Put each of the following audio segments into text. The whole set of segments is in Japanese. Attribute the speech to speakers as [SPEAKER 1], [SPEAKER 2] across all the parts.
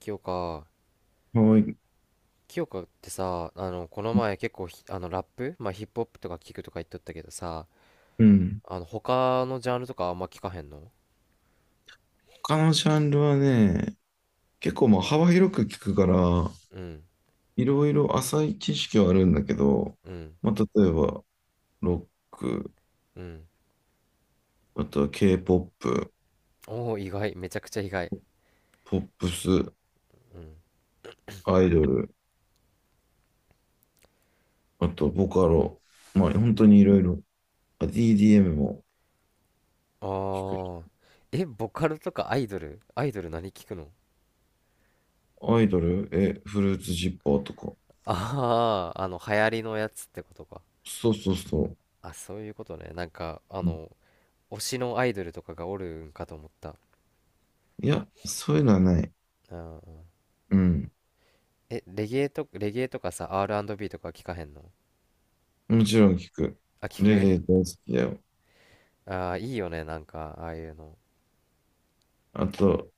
[SPEAKER 1] 清香
[SPEAKER 2] はい。
[SPEAKER 1] 清香ってさ、この前結構ラップ、まあ、ヒップホップとか聞くとか言っとったけどさ、
[SPEAKER 2] うん。
[SPEAKER 1] 他のジャンルとかあんま聞かへんの？
[SPEAKER 2] 他のジャンルはね、結構まあ幅広く聞くから、
[SPEAKER 1] うん。
[SPEAKER 2] いろいろ浅い知識はあるんだけど、
[SPEAKER 1] うん。
[SPEAKER 2] まあ、例えば、ロック、
[SPEAKER 1] うん。
[SPEAKER 2] あとは K-POP、
[SPEAKER 1] おおー、意外、めちゃくちゃ意外。
[SPEAKER 2] ポップス、
[SPEAKER 1] うん。
[SPEAKER 2] アイドル、あとボカロ、まあ本当にいろいろ、あ DDM も
[SPEAKER 1] あ
[SPEAKER 2] 聞くし。
[SPEAKER 1] ー。え、ボカルとかアイドル何聞くの？
[SPEAKER 2] アイドル、フルーツジッパーとか。
[SPEAKER 1] あ、 あー、流行りのやつってことか。
[SPEAKER 2] そうそうそう。
[SPEAKER 1] あ、そういうことね。
[SPEAKER 2] うん。
[SPEAKER 1] 推しのアイドルとかがおるんかと思った。
[SPEAKER 2] いや、そういうのはない。
[SPEAKER 1] うん。うん。
[SPEAKER 2] うん。
[SPEAKER 1] え、レゲエとかさ、 R&B とか聞かへんの？
[SPEAKER 2] もちろん聞く。
[SPEAKER 1] あ、聞
[SPEAKER 2] レゲ
[SPEAKER 1] く。
[SPEAKER 2] エ大好きだよ。
[SPEAKER 1] ああ、いいよね、なんか、ああいうの。
[SPEAKER 2] あと、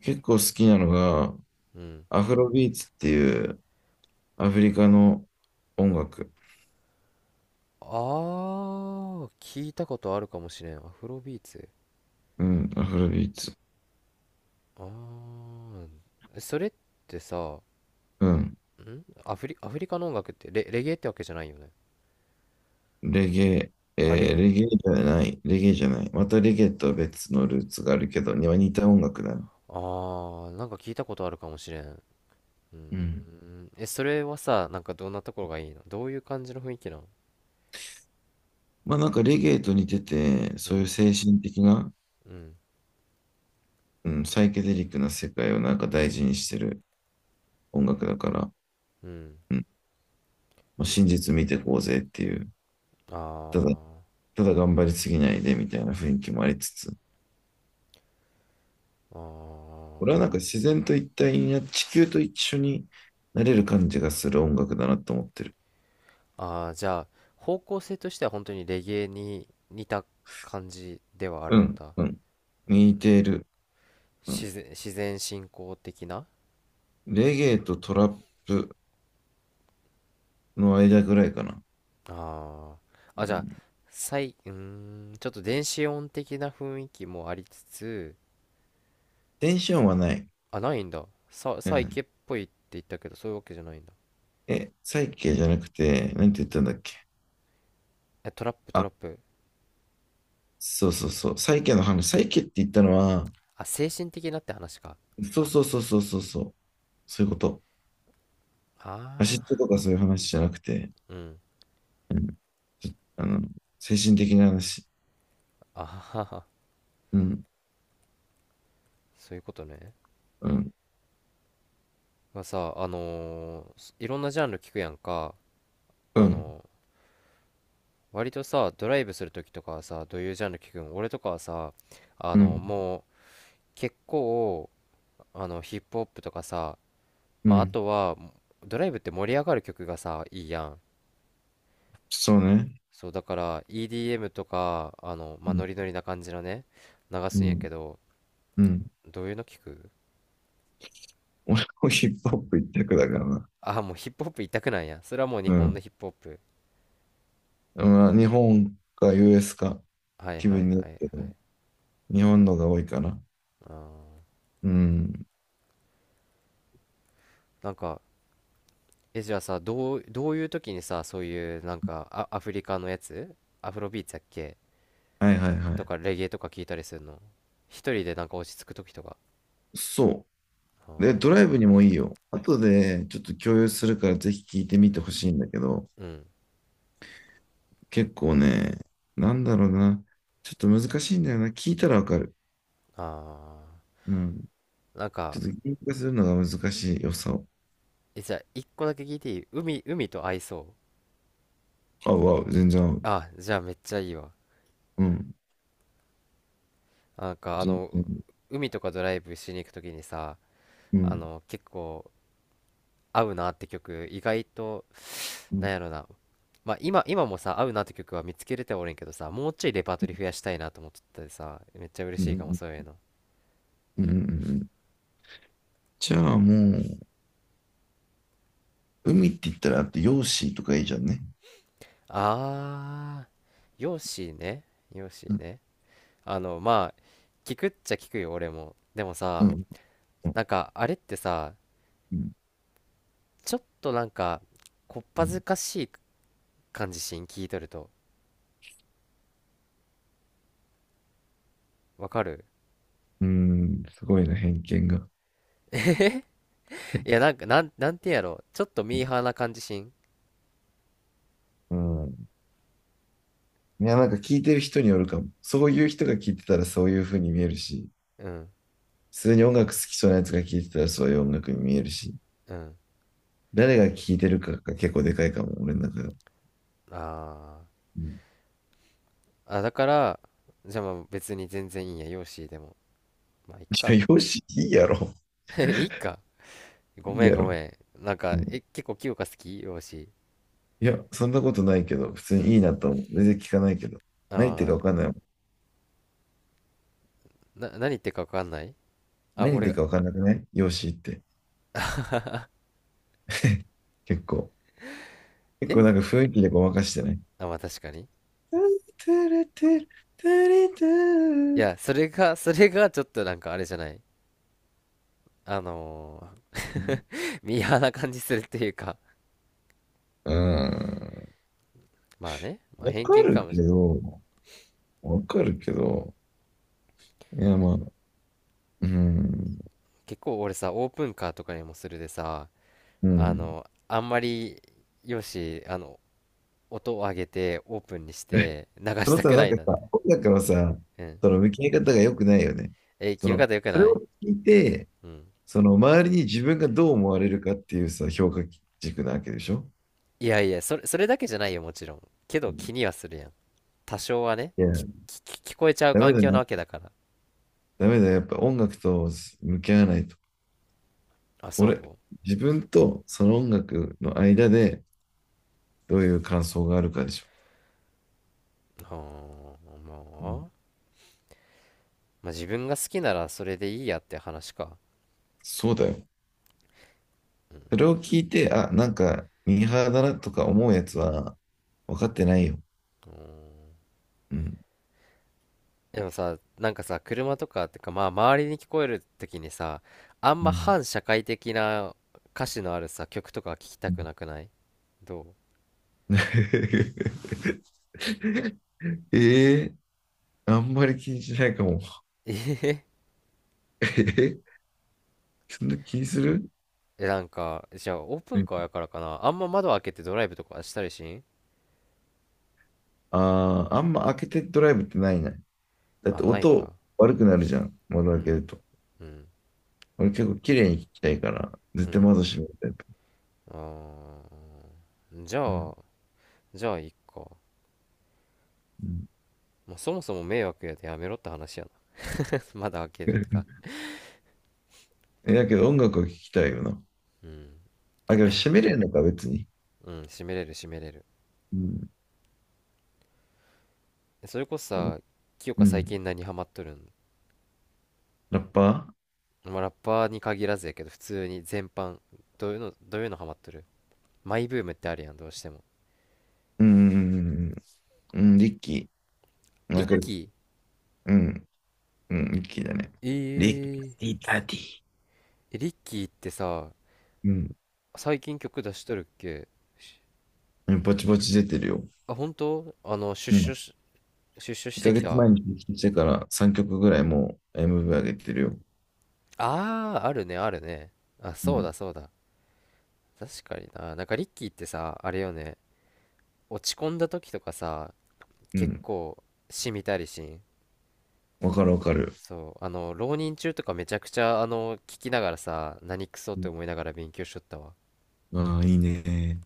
[SPEAKER 2] 結構好きなのが、
[SPEAKER 1] うん。
[SPEAKER 2] アフロビーツっていうアフリカの音楽。
[SPEAKER 1] ああ、聞いたことあるかもしれん。アフロビーツ。
[SPEAKER 2] うん、アフロビーツ。
[SPEAKER 1] ああ、それってさ、
[SPEAKER 2] うん。
[SPEAKER 1] アフリカの音楽ってレゲエってわけじゃないよね？
[SPEAKER 2] レゲエ、
[SPEAKER 1] あ、レ、
[SPEAKER 2] レゲエじゃない、レゲエじゃない。またレゲエとは別のルーツがあるけど、には似た音楽だね。
[SPEAKER 1] ああ、なんか聞いたことあるかもしれん。うー
[SPEAKER 2] うん。
[SPEAKER 1] ん。え、それはさ、なんかどんなところがいいの？どういう感じの雰囲気なの？
[SPEAKER 2] まあなんかレゲエと似てて、
[SPEAKER 1] う
[SPEAKER 2] そういう
[SPEAKER 1] ん、
[SPEAKER 2] 精神的な、
[SPEAKER 1] うん、
[SPEAKER 2] うん、サイケデリックな世界をなんか大事にしてる音楽だから、
[SPEAKER 1] うん。
[SPEAKER 2] うん。まあ、真実見てこうぜっていう。
[SPEAKER 1] あ
[SPEAKER 2] ただ、ただ頑張りすぎないでみたいな雰囲気もありつつ、
[SPEAKER 1] あ、あ
[SPEAKER 2] 俺はなん
[SPEAKER 1] あ。
[SPEAKER 2] か自然と一体にな、地球と一緒になれる感じがする音楽だなと思ってる。
[SPEAKER 1] ああ、じゃあ、方向性としては本当にレゲエに似た感じではあ
[SPEAKER 2] う
[SPEAKER 1] るん
[SPEAKER 2] ん、
[SPEAKER 1] だ。
[SPEAKER 2] うん。
[SPEAKER 1] うん、
[SPEAKER 2] 似ている。うん、
[SPEAKER 1] 自然信仰的な。
[SPEAKER 2] レゲエとトラップの間ぐらいかな。
[SPEAKER 1] ああ、
[SPEAKER 2] う
[SPEAKER 1] あ、じゃあ、
[SPEAKER 2] ん、
[SPEAKER 1] うーん、ちょっと電子音的な雰囲気もありつつ。
[SPEAKER 2] テンションはない。
[SPEAKER 1] あ、ないんだ。
[SPEAKER 2] う
[SPEAKER 1] サイ
[SPEAKER 2] ん、
[SPEAKER 1] ケっぽいって言ったけど、そういうわけじゃないんだ。
[SPEAKER 2] サイケじゃなくて、なんて言ったんだっけ。
[SPEAKER 1] え、トラップ、ト
[SPEAKER 2] あ、
[SPEAKER 1] ラップ。
[SPEAKER 2] そうそうそう。サイケの話。サイケって言ったのは、
[SPEAKER 1] あ、精神的なって話か。
[SPEAKER 2] そうそうそうそうそうそう。そういうこと。アシ
[SPEAKER 1] あ
[SPEAKER 2] ッド
[SPEAKER 1] あ、
[SPEAKER 2] とかそういう話じゃなくて、
[SPEAKER 1] うん。
[SPEAKER 2] うん、ちょあの、精神的な話。
[SPEAKER 1] あはは、
[SPEAKER 2] うん、
[SPEAKER 1] そういうことね。
[SPEAKER 2] うん、
[SPEAKER 1] まあさ、いろんなジャンル聞くやんか。
[SPEAKER 2] う
[SPEAKER 1] あ
[SPEAKER 2] ん、
[SPEAKER 1] の割とさ、ドライブするときとかはさ、どういうジャンル聞くん？俺とかはさ、
[SPEAKER 2] うん、
[SPEAKER 1] もう結構、ヒップホップとかさ、
[SPEAKER 2] う
[SPEAKER 1] まあ、あ
[SPEAKER 2] ん。
[SPEAKER 1] とは、ドライブって盛り上がる曲がさ、いいやん。
[SPEAKER 2] そうね。
[SPEAKER 1] そう、だから EDM とか、ま
[SPEAKER 2] う
[SPEAKER 1] あ、
[SPEAKER 2] ん。
[SPEAKER 1] ノリノリな感じのね、流
[SPEAKER 2] う
[SPEAKER 1] すんや
[SPEAKER 2] ん。
[SPEAKER 1] けど、
[SPEAKER 2] うん。
[SPEAKER 1] どういうの聞く？
[SPEAKER 2] 俺もヒップホップ一択だからな。
[SPEAKER 1] あ、もうヒップホップ一択なんや。それはもう日
[SPEAKER 2] う
[SPEAKER 1] 本の
[SPEAKER 2] ん。
[SPEAKER 1] ヒップホップ。
[SPEAKER 2] まあ、日本か US か
[SPEAKER 1] はい
[SPEAKER 2] 気
[SPEAKER 1] は
[SPEAKER 2] 分
[SPEAKER 1] い
[SPEAKER 2] によ
[SPEAKER 1] は
[SPEAKER 2] る
[SPEAKER 1] い
[SPEAKER 2] け
[SPEAKER 1] はい。
[SPEAKER 2] ど、日本のが多いかな。
[SPEAKER 1] あー、
[SPEAKER 2] うん。
[SPEAKER 1] なんか、え、じゃあさ、どういう時にさ、そういう、なんか、あ、アフリカのやつ、アフロビーツやっけ、
[SPEAKER 2] はいはいは
[SPEAKER 1] と
[SPEAKER 2] い。
[SPEAKER 1] かレゲエとか聞いたりするの？一人でなんか落ち着く時とか？
[SPEAKER 2] そ
[SPEAKER 1] あ
[SPEAKER 2] う。で、
[SPEAKER 1] ー。
[SPEAKER 2] ドライブにもいいよ。後でちょっと共有するからぜひ聞いてみてほしいんだけど、
[SPEAKER 1] うん。
[SPEAKER 2] 結構ね、なんだろうな。ちょっと難しいんだよな。聞いたらわかる。
[SPEAKER 1] あ
[SPEAKER 2] うん。
[SPEAKER 1] ー。なん
[SPEAKER 2] ちょ
[SPEAKER 1] か、
[SPEAKER 2] っと言語化するのが難しい良さを。
[SPEAKER 1] え、じゃあ一個だけ聞いていい？海と合いそう？
[SPEAKER 2] あ、全然合う。
[SPEAKER 1] あ、じゃあめっちゃいいわ。
[SPEAKER 2] うん。
[SPEAKER 1] なんかあ
[SPEAKER 2] 全
[SPEAKER 1] の
[SPEAKER 2] 然。
[SPEAKER 1] 海とかドライブしに行く時にさ、
[SPEAKER 2] うん。
[SPEAKER 1] 結構合うなって曲意外と、
[SPEAKER 2] う
[SPEAKER 1] なん
[SPEAKER 2] ん。
[SPEAKER 1] やろな。まあ今、もさ合うなって曲は見つけれてはおれんけどさ、もうちょいレパートリー増やしたいなと思っとったでさ、めっちゃ嬉
[SPEAKER 2] うん。う
[SPEAKER 1] しいかも
[SPEAKER 2] ん、
[SPEAKER 1] そういうの。
[SPEAKER 2] うん、うん、うん。じゃあもう、海って言ったらあって、ヨーシーとかいいじゃんね。
[SPEAKER 1] ああ。ヨッシーね。ヨッシ
[SPEAKER 2] う
[SPEAKER 1] ー
[SPEAKER 2] ん、
[SPEAKER 1] ね。あのまあ聞くっちゃ聞くよ、俺も。でも
[SPEAKER 2] うん、
[SPEAKER 1] さ、
[SPEAKER 2] うん、
[SPEAKER 1] なんかあれってさ、ちょっとなんかこっ
[SPEAKER 2] う
[SPEAKER 1] ぱず
[SPEAKER 2] ん、
[SPEAKER 1] かしい感じしん、聞いとると。わかる。
[SPEAKER 2] うん。すごいな、偏見が。
[SPEAKER 1] いやなんか、なんてやろ、ちょっとミーハーな感じしん。
[SPEAKER 2] うん。いや、なんか聞いてる人によるかも。そういう人が聞いてたらそういう風に見えるし、
[SPEAKER 1] うん。
[SPEAKER 2] 普通に音楽好きそうなやつが聞いてたらそういう音楽に見えるし、
[SPEAKER 1] うん。
[SPEAKER 2] 誰が聞いてるかが結構でかいかも、俺の中では。
[SPEAKER 1] あ
[SPEAKER 2] うん。
[SPEAKER 1] ー、あ、だからじゃあまあ別に全然いいんやよーしでも、まあいっ
[SPEAKER 2] い
[SPEAKER 1] か。
[SPEAKER 2] や、ヨーシーいいやろ。
[SPEAKER 1] いいか、ご
[SPEAKER 2] いい
[SPEAKER 1] めん
[SPEAKER 2] や
[SPEAKER 1] ご
[SPEAKER 2] ろ。
[SPEAKER 1] めん、なん
[SPEAKER 2] う
[SPEAKER 1] か、え、
[SPEAKER 2] ん。
[SPEAKER 1] 結構清香好きよーし。
[SPEAKER 2] いや、そんなことないけど、普通
[SPEAKER 1] うん。
[SPEAKER 2] にいいなと思う。全然聞かないけど。ないってかわ
[SPEAKER 1] ああ、
[SPEAKER 2] かんない。
[SPEAKER 1] 何言ってるかわかんない。あ、
[SPEAKER 2] 何言っ
[SPEAKER 1] 俺
[SPEAKER 2] てる
[SPEAKER 1] が。
[SPEAKER 2] か分かんなくない容姿って。結構。結構
[SPEAKER 1] え、
[SPEAKER 2] なんか雰囲気でごまかしてね。
[SPEAKER 1] あ、まあ確かに。
[SPEAKER 2] トゥルトゥルトゥルト
[SPEAKER 1] い
[SPEAKER 2] ゥル。
[SPEAKER 1] や、それが、それがちょっとなんかあれじゃない。あのミーハーな感じするっていうか。
[SPEAKER 2] うん。
[SPEAKER 1] まあね、まあ
[SPEAKER 2] わ
[SPEAKER 1] 偏
[SPEAKER 2] か
[SPEAKER 1] 見か
[SPEAKER 2] る
[SPEAKER 1] も
[SPEAKER 2] け
[SPEAKER 1] しれない。
[SPEAKER 2] ど、わかるけど、いやまあ、うん、
[SPEAKER 1] 結構俺さ、オープンカーとかにもするでさ、
[SPEAKER 2] う
[SPEAKER 1] あ
[SPEAKER 2] ん。
[SPEAKER 1] の、あんまり、よし、あの、音を上げて、オープンにし
[SPEAKER 2] え
[SPEAKER 1] て、流
[SPEAKER 2] そ
[SPEAKER 1] し
[SPEAKER 2] の
[SPEAKER 1] た
[SPEAKER 2] さ、
[SPEAKER 1] く
[SPEAKER 2] な
[SPEAKER 1] な
[SPEAKER 2] ん
[SPEAKER 1] い
[SPEAKER 2] か
[SPEAKER 1] なっ
[SPEAKER 2] さ、
[SPEAKER 1] て。
[SPEAKER 2] 音楽のさ、
[SPEAKER 1] うん。
[SPEAKER 2] その向き合い方が良くないよね。
[SPEAKER 1] えー、聞き方良く
[SPEAKER 2] それ
[SPEAKER 1] な
[SPEAKER 2] を
[SPEAKER 1] い？
[SPEAKER 2] 聞いて、
[SPEAKER 1] うん。
[SPEAKER 2] その周りに自分がどう思われるかっていうさ、評価軸なわけでしょ。
[SPEAKER 1] いやいや、それだけじゃないよ、もちろん。け
[SPEAKER 2] う
[SPEAKER 1] ど気
[SPEAKER 2] ん。
[SPEAKER 1] にはするやん。多少はね、
[SPEAKER 2] いや、
[SPEAKER 1] き聞こえちゃう
[SPEAKER 2] ダメ
[SPEAKER 1] 環
[SPEAKER 2] だ
[SPEAKER 1] 境な
[SPEAKER 2] ね。
[SPEAKER 1] わけだから。
[SPEAKER 2] ダメだよ、やっぱ音楽と向き合わないと。
[SPEAKER 1] あ、
[SPEAKER 2] 俺、
[SPEAKER 1] そ
[SPEAKER 2] 自分とその音楽の間でどういう感想があるかでしょ。
[SPEAKER 1] うはあ、
[SPEAKER 2] う
[SPEAKER 1] ま
[SPEAKER 2] ん。
[SPEAKER 1] あ。まあ、自分が好きならそれでいいやって話か。
[SPEAKER 2] そうだよ。それを聞いて、あ、なんか、ミーハーだなとか思うやつは分かってないよ。
[SPEAKER 1] うーん。
[SPEAKER 2] うん。
[SPEAKER 1] でもさ、なんかさ、車とかってか、まあ、周りに聞こえる時にさ、あん
[SPEAKER 2] う
[SPEAKER 1] ま
[SPEAKER 2] ん。
[SPEAKER 1] 反社会的な歌詞のあるさ、曲とか聞きたくなくない？どう？
[SPEAKER 2] ええ、あんまり気にしないかも。
[SPEAKER 1] えへへ。
[SPEAKER 2] えーそんな気にする？
[SPEAKER 1] え、なんか、じゃあ、オープ
[SPEAKER 2] う
[SPEAKER 1] ン
[SPEAKER 2] ん。
[SPEAKER 1] カーやからかな。あんま窓開けてドライブとかしたりしん？
[SPEAKER 2] ああ、あんま開けてドライブってないない。だっ
[SPEAKER 1] あ、
[SPEAKER 2] て
[SPEAKER 1] ない
[SPEAKER 2] 音
[SPEAKER 1] か。
[SPEAKER 2] 悪くなるじゃん、窓
[SPEAKER 1] う
[SPEAKER 2] 開け
[SPEAKER 1] ん。
[SPEAKER 2] ると。
[SPEAKER 1] うん。
[SPEAKER 2] 俺結構綺麗に聞きたいから、
[SPEAKER 1] う
[SPEAKER 2] 絶対
[SPEAKER 1] ん。
[SPEAKER 2] 窓閉めるタイプ。
[SPEAKER 1] あー、じゃ
[SPEAKER 2] うん。
[SPEAKER 1] あ、いっか。
[SPEAKER 2] うん、
[SPEAKER 1] まあ、そもそも迷惑やでやめろって話やな。窓開けるとか。
[SPEAKER 2] だけど音楽を聞きたいよな。
[SPEAKER 1] うん。
[SPEAKER 2] あ、けど閉めれんのか、別に。
[SPEAKER 1] うん、締めれる締めれる。
[SPEAKER 2] うん。
[SPEAKER 1] それこそさ、清
[SPEAKER 2] う
[SPEAKER 1] 香最
[SPEAKER 2] ん。
[SPEAKER 1] 近何ハマっとるん？
[SPEAKER 2] ラッパー。
[SPEAKER 1] まあ、ラッパーに限らずやけど、普通に全般、どういうのハマっとる？マイブームってあるやん、どうしても。
[SPEAKER 2] うん。うん、リッキー。な
[SPEAKER 1] リ
[SPEAKER 2] ん
[SPEAKER 1] ッ
[SPEAKER 2] か、
[SPEAKER 1] キー。
[SPEAKER 2] うん。うん、リッキーだね。
[SPEAKER 1] え
[SPEAKER 2] リッ
[SPEAKER 1] ー。
[SPEAKER 2] キーダディ。
[SPEAKER 1] え、リッキーってさ、
[SPEAKER 2] うん。
[SPEAKER 1] 最近曲出しとるっけ？し
[SPEAKER 2] うん、ぼちぼち出てるよ。
[SPEAKER 1] あ、本当、あの、
[SPEAKER 2] うん。
[SPEAKER 1] 出所し
[SPEAKER 2] 1
[SPEAKER 1] てき
[SPEAKER 2] ヶ
[SPEAKER 1] た
[SPEAKER 2] 月
[SPEAKER 1] あ。
[SPEAKER 2] 前に聞いてから3曲ぐらいもう MV 上げてるよ。
[SPEAKER 1] あー、あるね、あるね。あ、
[SPEAKER 2] う
[SPEAKER 1] そうだ、
[SPEAKER 2] ん。
[SPEAKER 1] そうだ。確かにな。なんかリッキーってさ、あれよね、落ち込んだ時とかさ、
[SPEAKER 2] う
[SPEAKER 1] 結
[SPEAKER 2] ん。
[SPEAKER 1] 構、しみたりしん。
[SPEAKER 2] わかるわかる。
[SPEAKER 1] そう、あの、浪人中とかめちゃくちゃ、あの、聞きながらさ、何クソっ
[SPEAKER 2] う
[SPEAKER 1] て
[SPEAKER 2] ん、
[SPEAKER 1] 思いながら勉強しとったわ。
[SPEAKER 2] ああ、いいね。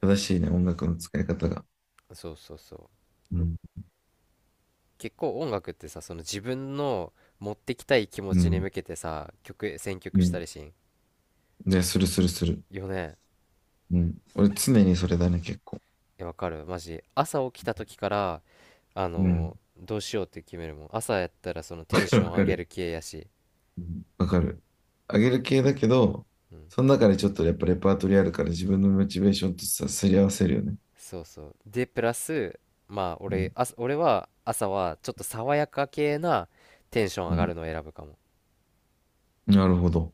[SPEAKER 2] 正しいね、音楽の使い方が。
[SPEAKER 1] そうそうそう。
[SPEAKER 2] うん、
[SPEAKER 1] 結構音楽ってさ、その自分の持ってきたい気持
[SPEAKER 2] う
[SPEAKER 1] ちに
[SPEAKER 2] ん。
[SPEAKER 1] 向けてさ、選曲
[SPEAKER 2] う
[SPEAKER 1] した
[SPEAKER 2] ん。
[SPEAKER 1] りしん。
[SPEAKER 2] ね、するするする。
[SPEAKER 1] よね。
[SPEAKER 2] うん。俺常にそれだね、結構。
[SPEAKER 1] え、わかる。マジ。朝起きた時から、あ
[SPEAKER 2] うん。
[SPEAKER 1] の、どうしようって決めるもん。朝やったらそのテン ショ
[SPEAKER 2] わ
[SPEAKER 1] ン上
[SPEAKER 2] か
[SPEAKER 1] げ
[SPEAKER 2] る。
[SPEAKER 1] る系やし。
[SPEAKER 2] うん、わかる。あげる系だけど、
[SPEAKER 1] うん。
[SPEAKER 2] その中でちょっとやっぱレパートリーあるから自分のモチベーションとさ、すり合わせるよね。
[SPEAKER 1] そうそう。で、プラス、まあ、
[SPEAKER 2] うん。
[SPEAKER 1] 俺は朝はちょっと爽やか系なテンション
[SPEAKER 2] う
[SPEAKER 1] 上がる
[SPEAKER 2] ん。
[SPEAKER 1] のを選ぶかも。
[SPEAKER 2] なるほど。